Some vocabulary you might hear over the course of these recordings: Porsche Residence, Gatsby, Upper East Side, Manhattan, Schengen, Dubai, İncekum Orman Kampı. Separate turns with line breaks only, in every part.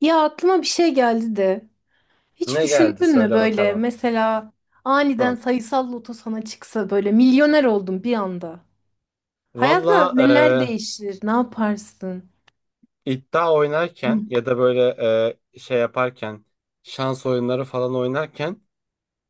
Ya aklıma bir şey geldi de. Hiç
Ne geldi
düşündün mü
söyle
böyle
bakalım.
mesela aniden
Heh.
sayısal loto sana çıksa böyle milyoner oldun bir anda. Hayatına
Valla
neler değişir? Ne yaparsın?
iddia oynarken
Hı.
ya da böyle şey yaparken şans oyunları falan oynarken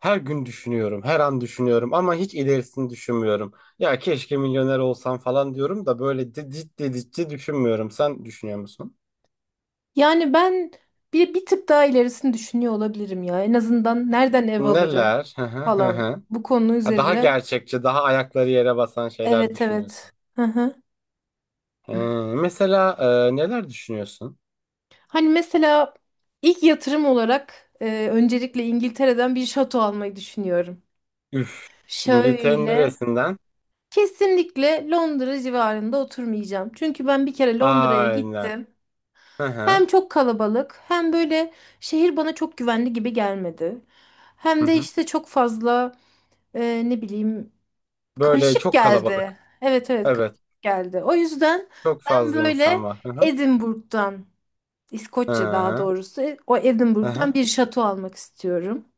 her gün düşünüyorum. Her an düşünüyorum ama hiç ilerisini düşünmüyorum. Ya keşke milyoner olsam falan diyorum da böyle ciddi ciddi düşünmüyorum. Sen düşünüyor musun?
Yani ben bir tık daha ilerisini düşünüyor olabilirim ya. En azından nereden ev alırım
Neler? Hı hı hı
falan
hı.
bu konu
Ha, Daha
üzerine.
gerçekçi, daha ayakları yere basan şeyler
Evet,
düşünüyorsun.
evet. Hı hı.
Ee, mesela neler düşünüyorsun?
Hani mesela ilk yatırım olarak öncelikle İngiltere'den bir şato almayı düşünüyorum.
Üf, İngiltere'nin
Şöyle.
neresinden?
Kesinlikle Londra civarında oturmayacağım. Çünkü ben bir kere Londra'ya
Aynen.
gittim.
Hı
Hem
hı.
çok kalabalık, hem böyle şehir bana çok güvenli gibi gelmedi.
Hı
Hem de
hı.
işte çok fazla ne bileyim
Böyle
karışık
çok
geldi.
kalabalık.
Evet, evet,
Evet.
karışık geldi. O yüzden
Çok
ben
fazla insan
böyle
var. Hı hı.
Edinburgh'dan,
Hı
İskoçya daha
hı.
doğrusu o
Hı
Edinburgh'dan
hı.
bir şato almak istiyorum.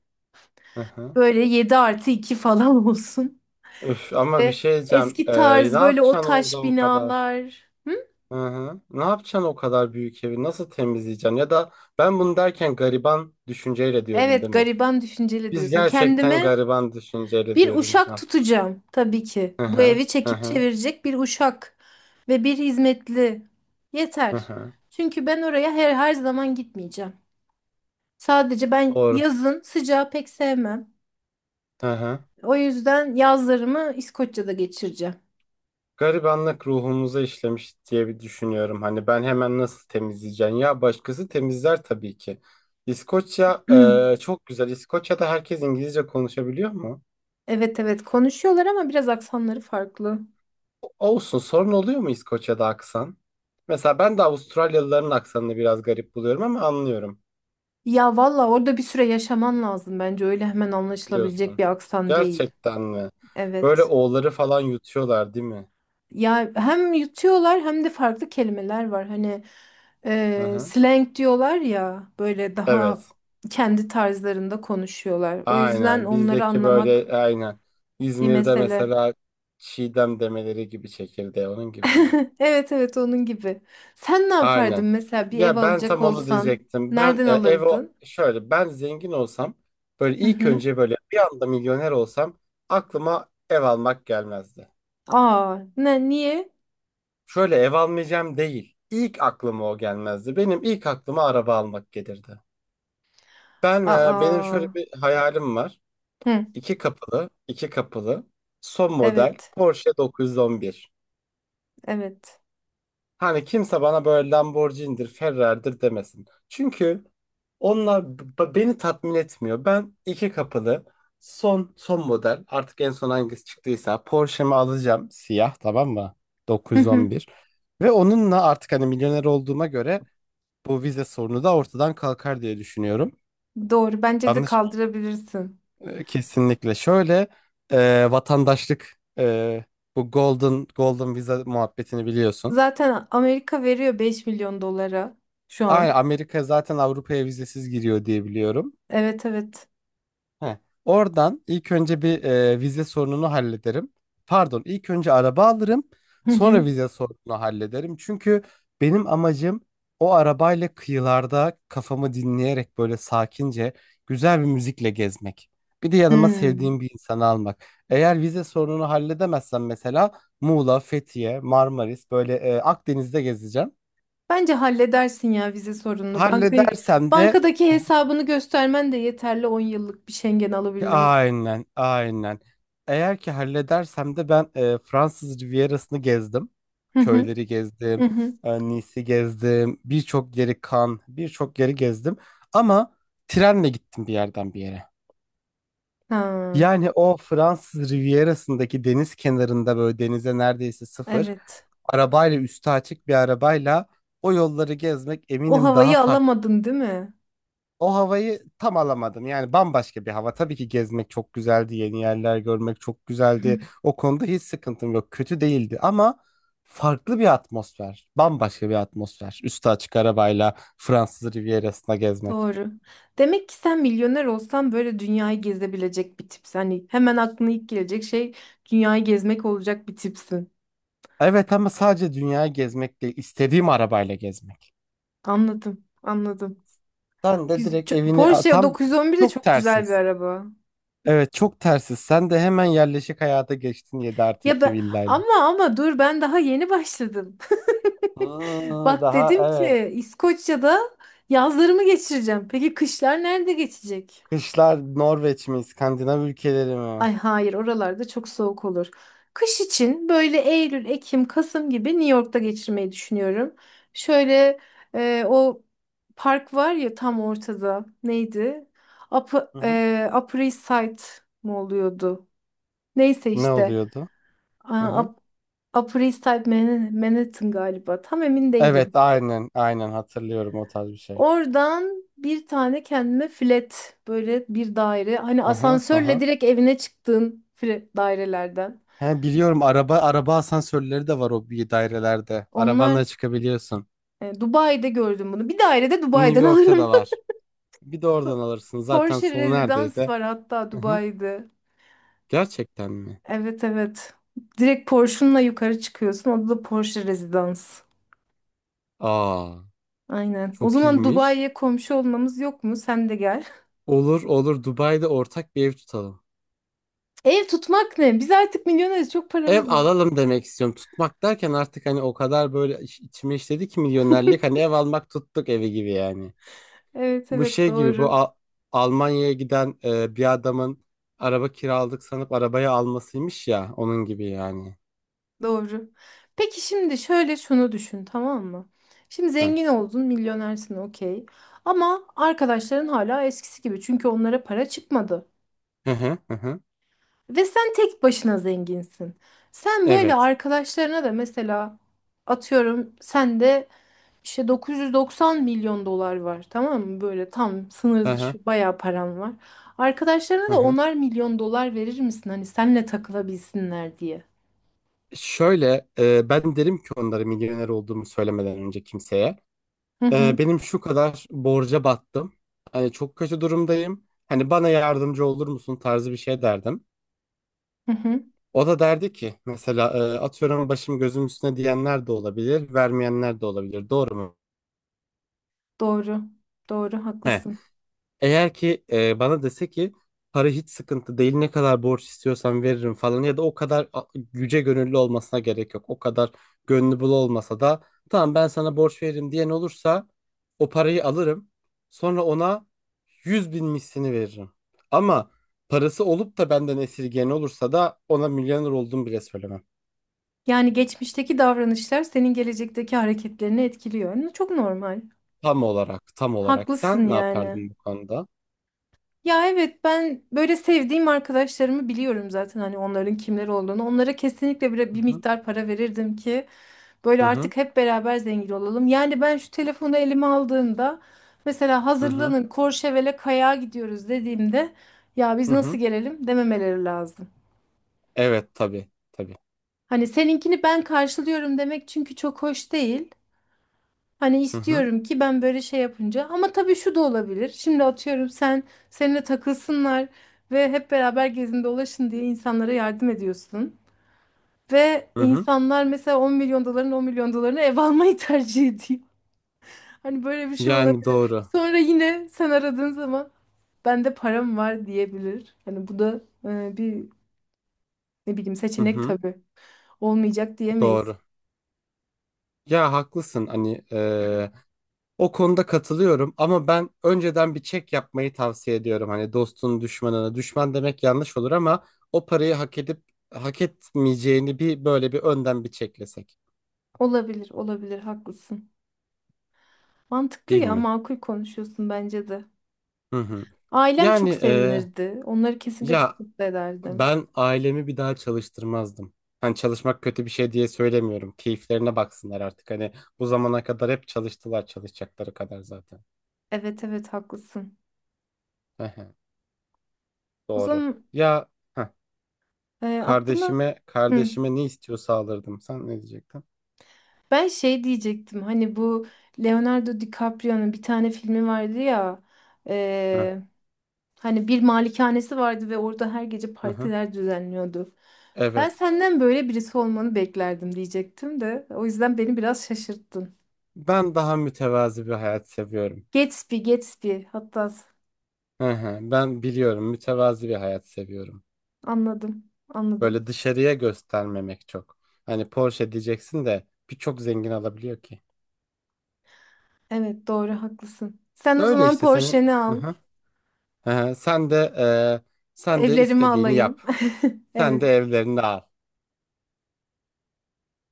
Hı hı.
Böyle 7 artı 2 falan olsun.
Üf, ama bir
E,
şey diyeceğim.
eski
Ne
tarz böyle
yapacaksın
o taş
orada o kadar?
binalar. Hı?
Hı hı. Ne yapacaksın o kadar büyük evi? Nasıl temizleyeceksin? Ya da ben bunu derken gariban düşünceyle diyorum, değil
Evet,
mi?
gariban düşünceli
Biz
diyorsun.
gerçekten
Kendime
gariban düşünceyle
bir
diyoruz.
uşak
Hı
tutacağım tabii ki. Bu
hı.
evi
Hı
çekip
hı.
çevirecek bir uşak ve bir hizmetli.
Hı
Yeter.
hı.
Çünkü ben oraya her zaman gitmeyeceğim. Sadece ben
Doğru.
yazın sıcağı pek sevmem.
Hı hı.
O yüzden yazlarımı İskoçya'da geçireceğim.
Garibanlık ruhumuza işlemiş diye bir düşünüyorum. Hani ben hemen nasıl temizleyeceğim? Ya başkası temizler tabii ki. İskoçya çok güzel. İskoçya'da herkes İngilizce konuşabiliyor mu?
Evet, evet, konuşuyorlar ama biraz aksanları farklı.
Olsun. Sorun oluyor mu İskoçya'da aksan? Mesela ben de Avustralyalıların aksanını biraz garip buluyorum ama anlıyorum
Ya valla orada bir süre yaşaman lazım bence. Öyle hemen anlaşılabilecek
diyorsun.
bir aksan değil.
Gerçekten mi? Böyle
Evet.
o'ları falan yutuyorlar değil mi?
Ya hem yutuyorlar hem de farklı kelimeler var. Hani
Hı hı.
slang diyorlar ya, böyle
Evet.
daha kendi tarzlarında konuşuyorlar. O yüzden
Aynen
onları
bizdeki böyle
anlamak
aynen.
bir
İzmir'de
mesele.
mesela Çiğdem demeleri gibi çekirdeği onun gibi mi?
Evet, evet, onun gibi. Sen ne yapardın
Aynen.
mesela, bir ev
Ya ben
alacak
tam onu
olsan?
diyecektim. Ben
Nereden
ev
alırdın?
şöyle ben zengin olsam böyle
Hı
ilk
hı.
önce böyle bir anda milyoner olsam aklıma ev almak gelmezdi.
Aa, ne niye?
Şöyle ev almayacağım değil. İlk aklıma o gelmezdi. Benim ilk aklıma araba almak gelirdi. Ben benim
Aa.
şöyle bir hayalim var.
Hı,
İki kapılı, son model
evet.
Porsche 911.
Evet.
Hani kimse bana böyle Lamborghini'dir, Ferrari'dir demesin. Çünkü onlar beni tatmin etmiyor. Ben iki kapılı son model artık en son hangisi çıktıysa Porsche'mi alacağım siyah, tamam mı?
Hı hı.
911. Ve onunla artık hani milyoner olduğuma göre bu vize sorunu da ortadan kalkar diye düşünüyorum.
Doğru. Bence de
Yanlış mı?
kaldırabilirsin.
Kesinlikle. Şöyle vatandaşlık, bu golden vize muhabbetini biliyorsun.
Zaten Amerika veriyor 5 milyon dolara şu
Aynen,
an.
Amerika zaten Avrupa'ya vizesiz giriyor diye biliyorum.
Evet, evet.
Heh. Oradan ilk önce bir vize sorununu hallederim. Pardon, ilk önce araba alırım,
Hı
sonra
hı.
vize sorununu hallederim. Çünkü benim amacım o arabayla kıyılarda kafamı dinleyerek böyle sakince güzel bir müzikle gezmek. Bir de yanıma
Hmm.
sevdiğim bir insanı almak. Eğer vize sorununu halledemezsem mesela Muğla, Fethiye, Marmaris böyle Akdeniz'de gezeceğim.
Bence halledersin ya vize sorununu. Bankaya
Halledersem de
bankadaki hesabını göstermen de yeterli 10 yıllık bir Schengen alabilmen.
aynen, aynen. Eğer ki halledersem de ben Fransız Rivierası'nı gezdim.
Hı hı.
Köyleri gezdim,
Hı hı.
Nice'i gezdim, birçok yeri, Cannes, birçok yeri gezdim. Ama trenle gittim bir yerden bir yere.
Ha,
Yani o Fransız Rivierası'ndaki deniz kenarında böyle denize neredeyse sıfır,
evet.
arabayla, üstü açık bir arabayla o yolları gezmek
O
eminim daha
havayı
farklı.
alamadın değil mi?
O havayı tam alamadım. Yani bambaşka bir hava. Tabii ki gezmek çok güzeldi, yeni yerler görmek çok
Hı.
güzeldi. O konuda hiç sıkıntım yok. Kötü değildi ama farklı bir atmosfer. Bambaşka bir atmosfer. Üstü açık arabayla Fransız Rivierası'na gezmek.
Doğru. Demek ki sen milyoner olsan böyle dünyayı gezebilecek bir tipsin. Hani hemen aklına ilk gelecek şey dünyayı gezmek olacak bir tipsin.
Evet ama sadece dünyayı gezmek değil, istediğim arabayla gezmek.
Anladım, anladım.
Sen de direkt evini
Porsche
tam
911 de
çok
çok güzel bir
tersiz.
araba.
Evet, çok tersiz. Sen de hemen yerleşik hayata geçtin 7 artı
Ya
2
ben,
villayla.
ama dur, ben daha yeni başladım.
Hmm,
Bak
daha
dedim
evet.
ki İskoçya'da yazlarımı geçireceğim. Peki kışlar nerede geçecek?
Kışlar Norveç mi, İskandinav ülkeleri mi?
Ay, hayır, oralarda çok soğuk olur. Kış için böyle Eylül, Ekim, Kasım gibi New York'ta geçirmeyi düşünüyorum. Şöyle o park var ya tam ortada. Neydi?
Hı hı.
Upper East Side mı oluyordu? Neyse
Ne
işte
oluyordu? Hı
a-
hı.
Up- Upper East Side Manhattan galiba, tam emin
Evet,
değilim.
aynen, aynen hatırlıyorum, o tarz bir şey.
Oradan bir tane kendime flat, böyle bir daire, hani
Hı hı, hı
asansörle
hı.
direkt evine çıktığın flat dairelerden.
He, biliyorum, araba asansörleri de var o bir dairelerde.
Onlar
Arabanla çıkabiliyorsun.
Dubai'de gördüm bunu. Bir daire de
New
Dubai'den
York'ta da
alırım.
var. Bir de oradan
Po-
alırsın. Zaten
Porsche
sonu
Residence
neredeyse.
var hatta
Hı hı.
Dubai'de.
Gerçekten mi?
Evet, evet. Direkt Porsche'unla yukarı çıkıyorsun. O da Porsche Residence.
Aa,
Aynen. O
çok
zaman
iyiymiş.
Dubai'ye komşu olmamız yok mu? Sen de gel.
Olur olur, Dubai'de ortak bir ev tutalım.
Ev tutmak ne? Biz artık milyoneriz. Çok
Ev
paramız var.
alalım demek istiyorum. Tutmak derken artık hani o kadar böyle içime işledi ki milyonerlik, hani ev almak tuttuk evi gibi yani.
Evet,
Bu
evet,
şey gibi, bu
doğru.
Almanya'ya giden bir adamın araba kiraladık sanıp arabayı almasıymış ya, onun gibi yani.
Doğru. Peki şimdi şöyle şunu düşün, tamam mı? Şimdi
Heh.
zengin oldun, milyonersin, okey. Ama arkadaşların hala eskisi gibi. Çünkü onlara para çıkmadı.
Hı hı hı, hı.
Ve sen tek başına zenginsin. Sen böyle
Evet.
arkadaşlarına da mesela atıyorum sen de İşte 990 milyon dolar var, tamam mı? Böyle tam sınır
Hı hı
dışı bayağı param var. Arkadaşlarına
hı,
da
hı.
10'ar milyon dolar verir misin? Hani senle takılabilsinler diye.
Şöyle ben derim ki onlara, milyoner olduğumu söylemeden önce kimseye.
Hı
E,
hı
benim şu kadar borca battım. Hani çok kötü durumdayım. Hani bana yardımcı olur musun tarzı bir şey derdim.
hı hı.
O da derdi ki mesela atıyorum, başım gözüm üstüne diyenler de olabilir, vermeyenler de olabilir. Doğru mu?
Doğru. Doğru,
He.
haklısın.
Eğer ki bana dese ki para hiç sıkıntı değil, ne kadar borç istiyorsan veririm falan, ya da o kadar yüce gönüllü olmasına gerek yok. O kadar gönlü bul olmasa da tamam ben sana borç veririm diyen olursa o parayı alırım. Sonra ona 100 bin mislini veririm. Ama parası olup da benden esirgeyen olursa da ona milyoner oldum bile söylemem.
Yani geçmişteki davranışlar senin gelecekteki hareketlerini etkiliyor. Çok normal.
Tam olarak, tam olarak.
Haklısın
Sen ne
yani.
yapardın bu konuda?
Ya evet, ben böyle sevdiğim arkadaşlarımı biliyorum zaten, hani onların kimler olduğunu. Onlara kesinlikle bir,
Hı
bir
hı,
miktar para verirdim ki
hı
böyle
hı,
artık hep beraber zengin olalım. Yani ben şu telefonu elime aldığımda mesela
hı hı,
hazırlanın Courchevel'e kayağa gidiyoruz dediğimde, ya biz
hı
nasıl
hı.
gelelim, dememeleri lazım.
Evet, tabii, tabii.
Hani seninkini ben karşılıyorum demek çünkü çok hoş değil. Hani
Hı hı,
istiyorum ki ben böyle şey yapınca, ama tabii şu da olabilir. Şimdi atıyorum, seninle takılsınlar ve hep beraber gezin dolaşın diye insanlara yardım ediyorsun. Ve
hı hı.
insanlar mesela 10 milyon doların 10 milyon dolarını ev almayı tercih ediyor. Hani böyle bir şey
Yani
olabilir.
doğru.
Sonra yine sen aradığın zaman, bende param var diyebilir. Hani bu da bir, ne bileyim,
Hı
seçenek
hı,
tabii. Olmayacak diyemeyiz.
doğru. Ya haklısın, hani o konuda katılıyorum ama ben önceden bir çek yapmayı tavsiye ediyorum. Hani dostun düşmanına düşman demek yanlış olur ama o parayı hak edip hak etmeyeceğini bir böyle bir önden bir çeklesek,
Olabilir, olabilir, haklısın. Mantıklı
değil
ya,
mi?
makul konuşuyorsun bence de.
Hı hı.
Ailem
Yani
çok sevinirdi. Onları kesinlikle çok
ya,
mutlu ederdim.
ben ailemi bir daha çalıştırmazdım. Hani çalışmak kötü bir şey diye söylemiyorum. Keyiflerine baksınlar artık. Hani bu zamana kadar hep çalıştılar, çalışacakları kadar zaten.
Evet, evet, haklısın.
Ehe.
O
Doğru.
zaman
Ya heh,
aklıma.
kardeşime
Hı.
kardeşime ne istiyorsa alırdım. Sen ne diyecektin?
Ben şey diyecektim. Hani bu Leonardo DiCaprio'nun bir tane filmi vardı ya.
Heh,
Hani bir malikanesi vardı ve orada her gece
hı.
partiler düzenliyordu. Ben
Evet.
senden böyle birisi olmanı beklerdim diyecektim de. O yüzden beni biraz şaşırttın.
Ben daha mütevazi bir hayat seviyorum.
Gatsby, Gatsby. Hatta
Hı hı. Ben biliyorum, mütevazi bir hayat seviyorum.
anladım, anladım.
Böyle dışarıya göstermemek çok. Hani Porsche diyeceksin de birçok zengin alabiliyor ki.
Evet, doğru, haklısın. Sen o
Öyle
zaman
işte senin.
Porsche'ni al.
Hı hı. Sen de sen de
Evlerimi
istediğini
alayım.
yap. Sen de
Evet.
evlerini al.